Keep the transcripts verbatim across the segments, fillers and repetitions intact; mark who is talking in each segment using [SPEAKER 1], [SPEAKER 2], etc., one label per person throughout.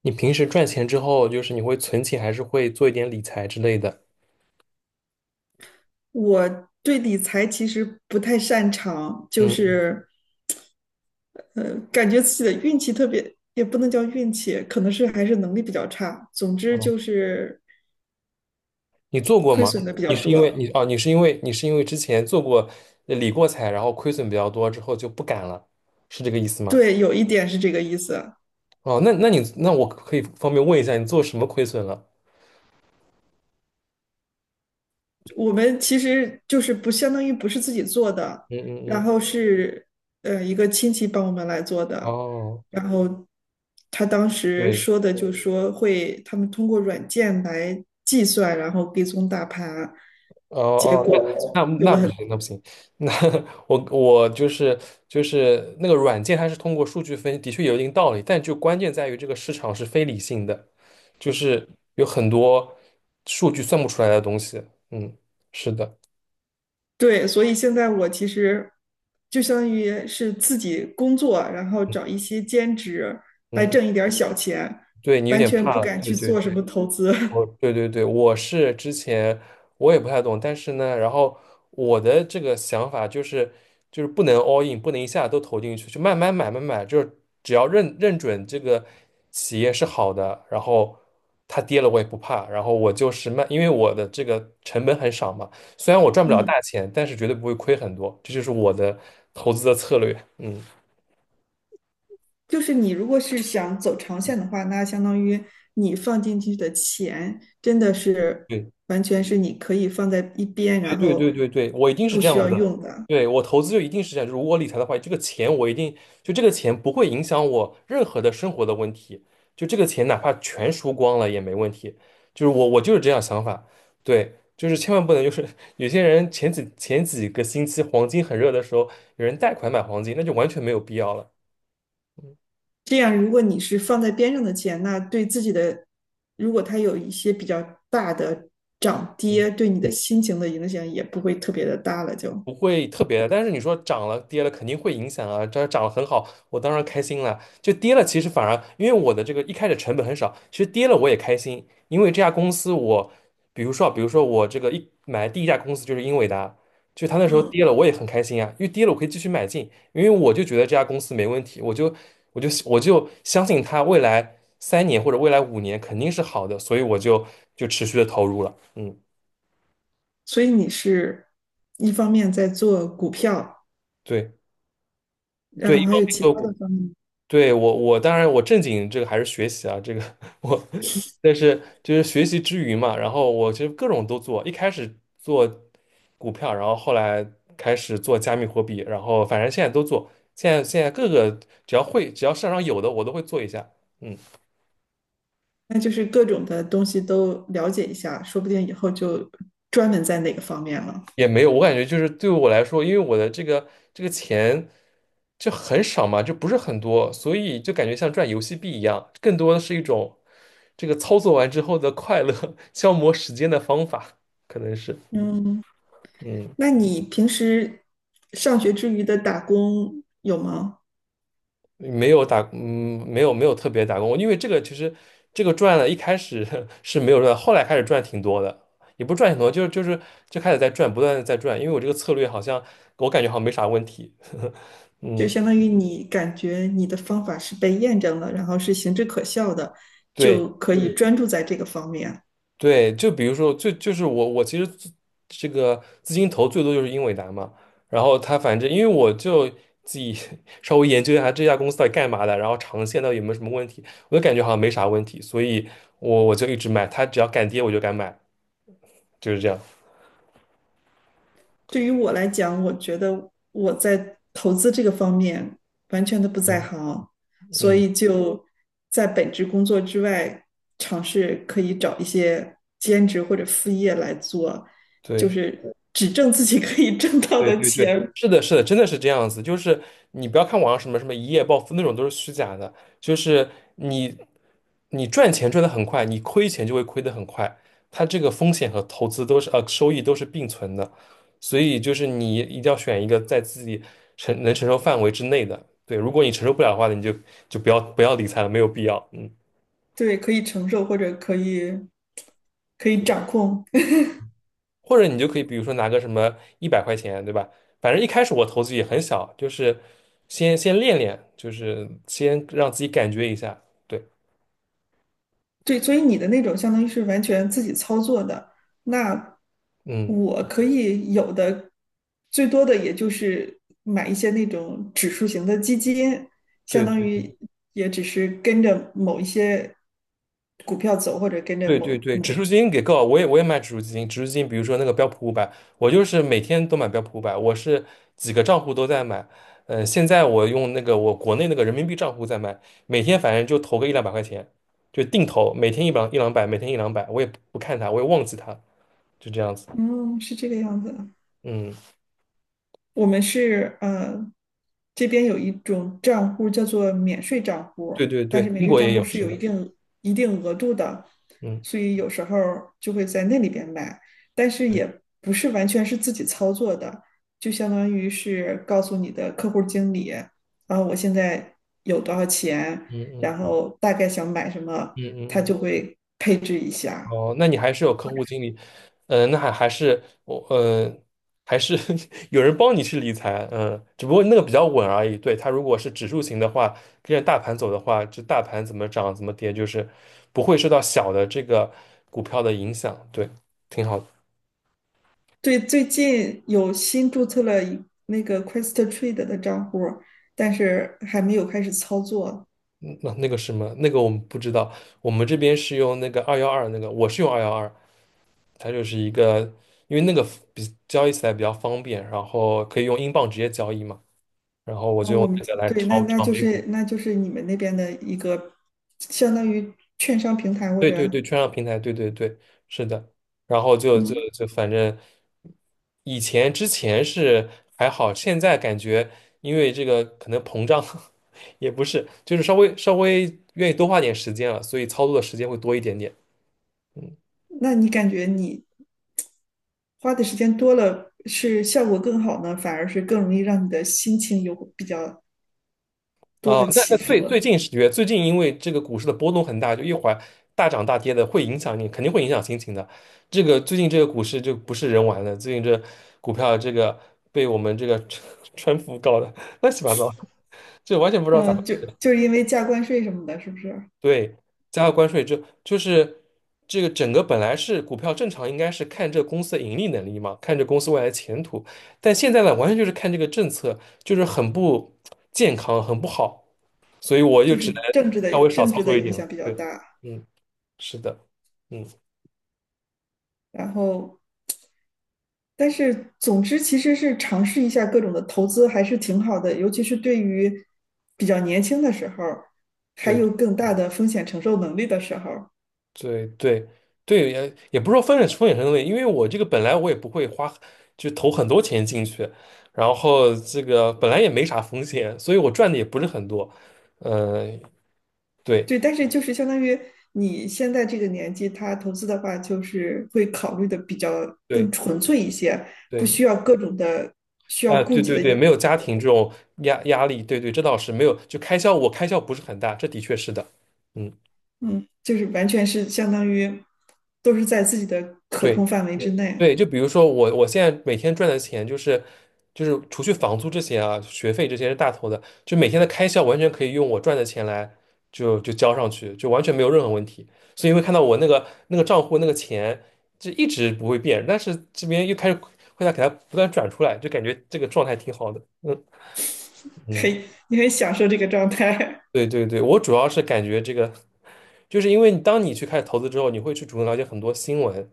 [SPEAKER 1] 你平时赚钱之后，就是你会存钱，还是会做一点理财之类的？
[SPEAKER 2] 我对理财其实不太擅长，就
[SPEAKER 1] 嗯，
[SPEAKER 2] 是呃，感觉自己的运气特别，也不能叫运气，可能是还是能力比较差。总之就
[SPEAKER 1] 嗯，
[SPEAKER 2] 是
[SPEAKER 1] 你做过
[SPEAKER 2] 亏
[SPEAKER 1] 吗？
[SPEAKER 2] 损的比
[SPEAKER 1] 你
[SPEAKER 2] 较
[SPEAKER 1] 是因为
[SPEAKER 2] 多。
[SPEAKER 1] 你哦，你是因为你是因为之前做过呃理过财，然后亏损比较多，之后就不敢了，是这个意思吗？
[SPEAKER 2] 对，有一点是这个意思。
[SPEAKER 1] 哦，那那你那我可以方便问一下，你做什么亏损了？
[SPEAKER 2] 我们其实就是不相当于不是自己做的，
[SPEAKER 1] 嗯嗯
[SPEAKER 2] 然
[SPEAKER 1] 嗯，
[SPEAKER 2] 后是呃一个亲戚帮我们来做的，
[SPEAKER 1] 哦，
[SPEAKER 2] 然后他当时
[SPEAKER 1] 对。
[SPEAKER 2] 说的就说会他们通过软件来计算，然后跟踪大盘，
[SPEAKER 1] 哦
[SPEAKER 2] 结
[SPEAKER 1] 哦，
[SPEAKER 2] 果
[SPEAKER 1] 那那那不行，那不行，那我我就是就是那个软件，它是通过数据分析，的确有一定道理，但就关键在于这个市场是非理性的，就是有很多数据算不出来的东西。嗯，是的，
[SPEAKER 2] 对，所以现在我其实就相当于是自己工作，然后找一些兼职来
[SPEAKER 1] 嗯，
[SPEAKER 2] 挣一点儿小钱，
[SPEAKER 1] 对你有
[SPEAKER 2] 完
[SPEAKER 1] 点
[SPEAKER 2] 全
[SPEAKER 1] 怕
[SPEAKER 2] 不
[SPEAKER 1] 了，
[SPEAKER 2] 敢
[SPEAKER 1] 对
[SPEAKER 2] 去
[SPEAKER 1] 对
[SPEAKER 2] 做
[SPEAKER 1] 对。
[SPEAKER 2] 什么投资，
[SPEAKER 1] 哦，对对对，我是之前我也不太懂，但是呢，然后我的这个想法就是，就是不能 all in，不能一下都投进去，就慢慢买，慢慢买，就是只要认认准这个企业是好的，然后它跌了我也不怕，然后我就是慢，因为我的这个成本很少嘛，虽然我赚 不了
[SPEAKER 2] 嗯。
[SPEAKER 1] 大钱，但是绝对不会亏很多，这就是我的投资的策略。嗯，
[SPEAKER 2] 就是你如果是想走长线的话，那相当于你放进去的钱真的是
[SPEAKER 1] 对
[SPEAKER 2] 完全是你可以放在一边，然
[SPEAKER 1] 对对
[SPEAKER 2] 后
[SPEAKER 1] 对对对，我一定是
[SPEAKER 2] 不
[SPEAKER 1] 这
[SPEAKER 2] 需
[SPEAKER 1] 样
[SPEAKER 2] 要
[SPEAKER 1] 子的。
[SPEAKER 2] 用的。
[SPEAKER 1] 对，我投资就一定是这样，就是我理财的话，这个钱我一定就这个钱不会影响我任何的生活的问题，就这个钱哪怕全输光了也没问题。就是我我就是这样想法，对，就是千万不能就是 有些人前几前几个星期黄金很热的时候，有人贷款买黄金，那就完全没有必要了。
[SPEAKER 2] 这样，如果你是放在边上的钱，那对自己的，如果它有一些比较大的涨
[SPEAKER 1] 嗯。
[SPEAKER 2] 跌，对你的心情的影响也不会特别的大了就。
[SPEAKER 1] 不会特别的，但是你说涨了跌了肯定会影响啊。这涨了很好，我当然开心了。就跌了，其实反而因为我的这个一开始成本很少，其实跌了我也开心，因为这家公司我，比如说啊比如说我这个一买第一家公司就是英伟达，就它那时候
[SPEAKER 2] 嗯，
[SPEAKER 1] 跌了我也很开心啊，因为跌了我可以继续买进，因为我就觉得这家公司没问题，我就我就我就相信它未来三年或者未来五年肯定是好的，所以我就就持续的投入了。嗯，
[SPEAKER 2] 所以你是一方面在做股票，
[SPEAKER 1] 对对，
[SPEAKER 2] 然
[SPEAKER 1] 一
[SPEAKER 2] 后还
[SPEAKER 1] 方
[SPEAKER 2] 有
[SPEAKER 1] 面
[SPEAKER 2] 其他的
[SPEAKER 1] 会。
[SPEAKER 2] 方面。
[SPEAKER 1] 对，我，我当然我正经这个还是学习啊，这个 我，但是就是学习之余嘛，然后我其实各种都做，一开始做股票，然后后来开始做加密货币，然后反正现在都做，现在现在各个只要会只要市场上有的我都会做一下，嗯。
[SPEAKER 2] 那就是各种的东西都了解一下，说不定以后就专门在哪个方面了。
[SPEAKER 1] 也没有，我感觉就是对我来说，因为我的这个这个钱就很少嘛，就不是很多，所以就感觉像赚游戏币一样，更多的是一种这个操作完之后的快乐，消磨时间的方法，可能是，
[SPEAKER 2] 嗯，
[SPEAKER 1] 嗯，
[SPEAKER 2] 那你平时上学之余的打工有吗？
[SPEAKER 1] 没有打，嗯，没有没有特别打工，因为这个其实这个赚了，一开始 是没有赚，后来开始赚挺多的，也不是赚挺多，就是就是就开始在赚，不断的在赚，因为我这个策略好像我感觉好像没啥问题，
[SPEAKER 2] 就
[SPEAKER 1] 嗯。
[SPEAKER 2] 相当于你感觉你的方法是被验证了，然后是行之可效的，
[SPEAKER 1] 对。
[SPEAKER 2] 就可以专注在这个方面。
[SPEAKER 1] 对，就比如说，最就是我我其实自这个资金投最多就是英伟达嘛，然后他反正因为我就自己 稍微研究一下这家公司到底干嘛的，然后长线到底有没有什么问题，我就感觉好像没啥问题，所以我我就一直买，它只要敢跌我就敢买，就是这样。
[SPEAKER 2] 对于我来讲，我觉得我在投资这个方面完全的不在
[SPEAKER 1] 嗯
[SPEAKER 2] 行，所
[SPEAKER 1] 嗯，
[SPEAKER 2] 以就在本职工作之外，尝试可以找一些兼职或者副业来做，就
[SPEAKER 1] 对。
[SPEAKER 2] 是只挣自己可以挣到
[SPEAKER 1] 对
[SPEAKER 2] 的
[SPEAKER 1] 对对，
[SPEAKER 2] 钱，
[SPEAKER 1] 是的，是的，真的是这样子。就是你不要看网上什么什么一夜暴富那种都是虚假的，就是你你赚钱赚得很快，你亏钱就会亏得很快。它这个风险和投资都是呃收益都是并存的，所以就是你一定要选一个在自己承能承受范围之内的。对，如果你承受不了的话，你就就不要不要理财了，没有必要。嗯。
[SPEAKER 2] 对，可以承受或者可以可以掌控。
[SPEAKER 1] 或者你就可以比如说拿个什么一百块钱，对吧？反正一开始我投资也很小，就是先先练练，就是先让自己感觉一下。对，
[SPEAKER 2] 对，所以你的那种相当于是完全自己操作的，那
[SPEAKER 1] 嗯，
[SPEAKER 2] 我可以有的最多的也就是买一些那种指数型的基金，
[SPEAKER 1] 对
[SPEAKER 2] 相当
[SPEAKER 1] 对
[SPEAKER 2] 于也只是跟着某一些股票走，或者跟着
[SPEAKER 1] 对对
[SPEAKER 2] 某
[SPEAKER 1] 对，指
[SPEAKER 2] 某，
[SPEAKER 1] 数基金给够，我也我也买指数基金，指数基金比如说那个标普五百，我就是每天都买标普五百，我是几个账户都在买。嗯、现在我用那个我国内那个人民币账户在买，每天反正就投个一两百块钱，就定投，每天一两一两百，每天一两百，我也不看它，我也忘记它，就这样子。
[SPEAKER 2] 嗯，是这个样子。
[SPEAKER 1] 嗯。
[SPEAKER 2] 我们是呃，这边有一种账户叫做免税账户，
[SPEAKER 1] 对对
[SPEAKER 2] 但
[SPEAKER 1] 对，
[SPEAKER 2] 是免
[SPEAKER 1] 英
[SPEAKER 2] 税
[SPEAKER 1] 国
[SPEAKER 2] 账
[SPEAKER 1] 也
[SPEAKER 2] 户
[SPEAKER 1] 有，
[SPEAKER 2] 是
[SPEAKER 1] 是
[SPEAKER 2] 有
[SPEAKER 1] 的，
[SPEAKER 2] 一定一定额度的，
[SPEAKER 1] 嗯
[SPEAKER 2] 所以有时候就会在那里边买，但是
[SPEAKER 1] 对，
[SPEAKER 2] 也不是完全是自己操作的，就相当于是告诉你的客户经理，然后我现在有多少钱，
[SPEAKER 1] 嗯嗯
[SPEAKER 2] 然后大概想买什么，
[SPEAKER 1] 嗯嗯
[SPEAKER 2] 他
[SPEAKER 1] 嗯，
[SPEAKER 2] 就会配置一下。
[SPEAKER 1] 哦，那你还是有客户经理，嗯、那还还是我，嗯、还是 有人帮你去理财，嗯、只不过那个比较稳而已。对，它如果是指数型的话，跟着大盘走的话，这大盘怎么涨怎么跌，就是不会受到小的这个股票的影响，对，挺好的。
[SPEAKER 2] 对，最近有新注册了一那个 QuestTrade 的账户，但是还没有开始操作。
[SPEAKER 1] 嗯那那个什么，那个我们不知道，我们这边是用那个二幺二，那个我是用二幺二，它就是一个，因为那个比交易起来比较方便，然后可以用英镑直接交易嘛，然后我
[SPEAKER 2] 啊，
[SPEAKER 1] 就
[SPEAKER 2] 我
[SPEAKER 1] 用
[SPEAKER 2] 们
[SPEAKER 1] 这个来
[SPEAKER 2] 对，那
[SPEAKER 1] 炒
[SPEAKER 2] 那
[SPEAKER 1] 炒
[SPEAKER 2] 就
[SPEAKER 1] 美股，
[SPEAKER 2] 是那就是你们那边的一个相当于券商平台或
[SPEAKER 1] 对对
[SPEAKER 2] 者
[SPEAKER 1] 对，券商平台，对对对，是的，然后就就
[SPEAKER 2] 嗯，
[SPEAKER 1] 就反正以前之前是还好，现在感觉因为这个可能膨胀 也不是，就是稍微稍微愿意多花点时间了，所以操作的时间会多一点点。嗯。
[SPEAKER 2] 那你感觉你花的时间多了，是效果更好呢，反而是更容易让你的心情有比较多
[SPEAKER 1] 哦，
[SPEAKER 2] 的
[SPEAKER 1] 那那
[SPEAKER 2] 起
[SPEAKER 1] 最
[SPEAKER 2] 伏
[SPEAKER 1] 最
[SPEAKER 2] 了？
[SPEAKER 1] 近十月，最近因为这个股市的波动很大，就一会儿大涨大跌的，会影响你，肯定会影响心情的。这个最近这个股市就不是人玩的，最近这股票这个被我们这个 川普搞的乱七八糟，这完全不知道咋回
[SPEAKER 2] 嗯，就
[SPEAKER 1] 事。
[SPEAKER 2] 就是因为加关税什么的，是不是？
[SPEAKER 1] 对，加了关税就就是这个整个本来是股票正常应该是看这公司的盈利能力嘛，看这公司未来前途，但现在呢，完全就是看这个政策，就是很不健康，很不好，所以我就
[SPEAKER 2] 就
[SPEAKER 1] 只
[SPEAKER 2] 是政
[SPEAKER 1] 能
[SPEAKER 2] 治的
[SPEAKER 1] 稍微少
[SPEAKER 2] 政
[SPEAKER 1] 操
[SPEAKER 2] 治的
[SPEAKER 1] 作一
[SPEAKER 2] 影
[SPEAKER 1] 点了。
[SPEAKER 2] 响比较
[SPEAKER 1] 对，
[SPEAKER 2] 大，
[SPEAKER 1] 嗯，是的，嗯，
[SPEAKER 2] 然后但是，总之其实是尝试一下各种的投资还是挺好的，尤其是对于比较年轻的时候，还
[SPEAKER 1] 对。
[SPEAKER 2] 有更大的风险承受能力的时候。
[SPEAKER 1] 对对对，也也不是说风险风险很西，因为我这个本来我也不会花，就投很多钱进去，然后这个本来也没啥风险，所以我赚的也不是很多。呃，对
[SPEAKER 2] 对，但是就是相当于你现在这个年纪，他投资的话，就是会考虑的比较更
[SPEAKER 1] 对
[SPEAKER 2] 纯粹一些，不
[SPEAKER 1] 对，
[SPEAKER 2] 需要各种的需要
[SPEAKER 1] 啊，
[SPEAKER 2] 顾
[SPEAKER 1] 对
[SPEAKER 2] 及
[SPEAKER 1] 对
[SPEAKER 2] 的因
[SPEAKER 1] 对，没有家庭这种压压力，对对，这倒是没有，就开销我开销不是很大，这的确是的。嗯，
[SPEAKER 2] 嗯，就是完全是相当于都是在自己的可
[SPEAKER 1] 对。
[SPEAKER 2] 控范围之内，
[SPEAKER 1] 对，就比如说我，我现在每天赚的钱就是，就是除去房租这些啊，学费这些是大头的，就每天的开销完全可以用我赚的钱来就就交上去，就完全没有任何问题。所以会看到我那个那个账户那个钱就一直不会变，但是这边又开始会在给它不断转出来，就感觉这个状态挺好的。嗯嗯，
[SPEAKER 2] 嘿，你很享受这个状态。
[SPEAKER 1] 对对对，我主要是感觉这个，就是因为你当你去开始投资之后，你会去主动了解很多新闻，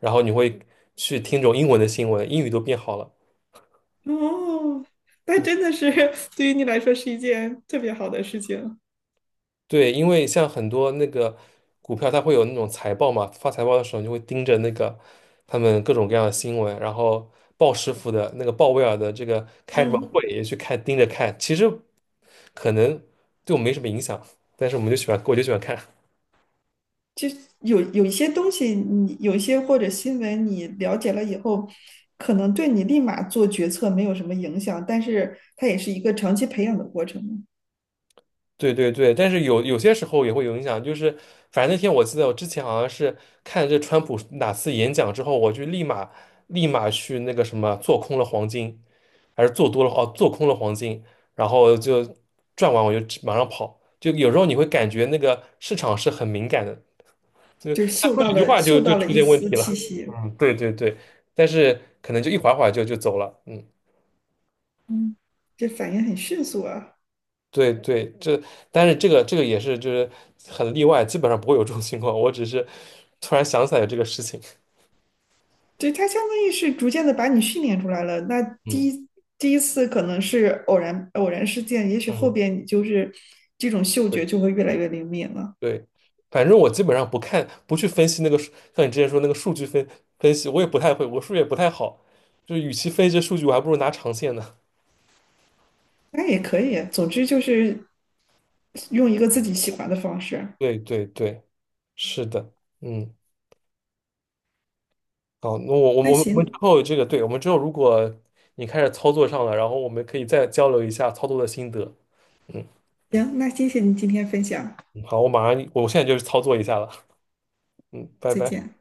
[SPEAKER 1] 然后你会去听这种英文的新闻，英语都变好了。
[SPEAKER 2] 哦，那真的是对于你来说是一件特别好的事情。
[SPEAKER 1] 对，因为像很多那个股票，它会有那种财报嘛，发财报的时候你就会盯着那个他们各种各样的新闻，然后鲍师傅的那个鲍威尔的这个开什么
[SPEAKER 2] 嗯，
[SPEAKER 1] 会也去看，盯着看。其实可能对我们没什么影响，但是我们就喜欢，我就喜欢看。
[SPEAKER 2] 就是有有一些东西你，有一些或者新闻，你了解了以后，可能对你立马做决策没有什么影响，但是它也是一个长期培养的过程嘛，
[SPEAKER 1] 对对对，但是有有些时候也会有影响，就是反正那天我记得我之前好像是看这川普哪次演讲之后，我就立马立马去那个什么做空了黄金。还是做多了哦，做空了黄金，然后就赚完我就马上跑。就有时候你会感觉那个市场是很敏感的，就
[SPEAKER 2] 就是
[SPEAKER 1] 他
[SPEAKER 2] 嗅
[SPEAKER 1] 说
[SPEAKER 2] 到
[SPEAKER 1] 几句
[SPEAKER 2] 了
[SPEAKER 1] 话就
[SPEAKER 2] 嗅
[SPEAKER 1] 就
[SPEAKER 2] 到了
[SPEAKER 1] 出
[SPEAKER 2] 一
[SPEAKER 1] 现问
[SPEAKER 2] 丝
[SPEAKER 1] 题
[SPEAKER 2] 气
[SPEAKER 1] 了。
[SPEAKER 2] 息，
[SPEAKER 1] 嗯，对对对，但是可能就一会儿会儿就就走了。嗯，
[SPEAKER 2] 嗯，这反应很迅速啊。
[SPEAKER 1] 对对，这但是这个这个也是就是很例外，基本上不会有这种情况。我只是突然想起来有这个事情。
[SPEAKER 2] 对，它相当于是逐渐的把你训练出来了。那第
[SPEAKER 1] 嗯
[SPEAKER 2] 一第一次可能是偶然偶然事件，也许后
[SPEAKER 1] 嗯。
[SPEAKER 2] 边你就是这种嗅觉
[SPEAKER 1] 对。
[SPEAKER 2] 就会越来越灵敏了。
[SPEAKER 1] 对，反正我基本上不看，不去分析那个数，像你之前说那个数据分分析，我也不太会，我数学也不太好，就是与其分析这数据，我还不如拿长线呢。
[SPEAKER 2] 那也可以，总之就是用一个自己喜欢的方式。
[SPEAKER 1] 对对对，是的，嗯，好，那我我们
[SPEAKER 2] 那
[SPEAKER 1] 我们我们之
[SPEAKER 2] 行
[SPEAKER 1] 后这个，对，我们之后如果你开始操作上了，然后我们可以再交流一下操作的心得。嗯，
[SPEAKER 2] 行，那谢谢你今天分享，
[SPEAKER 1] 嗯好，我马上，我现在就去操作一下了。嗯，拜
[SPEAKER 2] 再
[SPEAKER 1] 拜。
[SPEAKER 2] 见。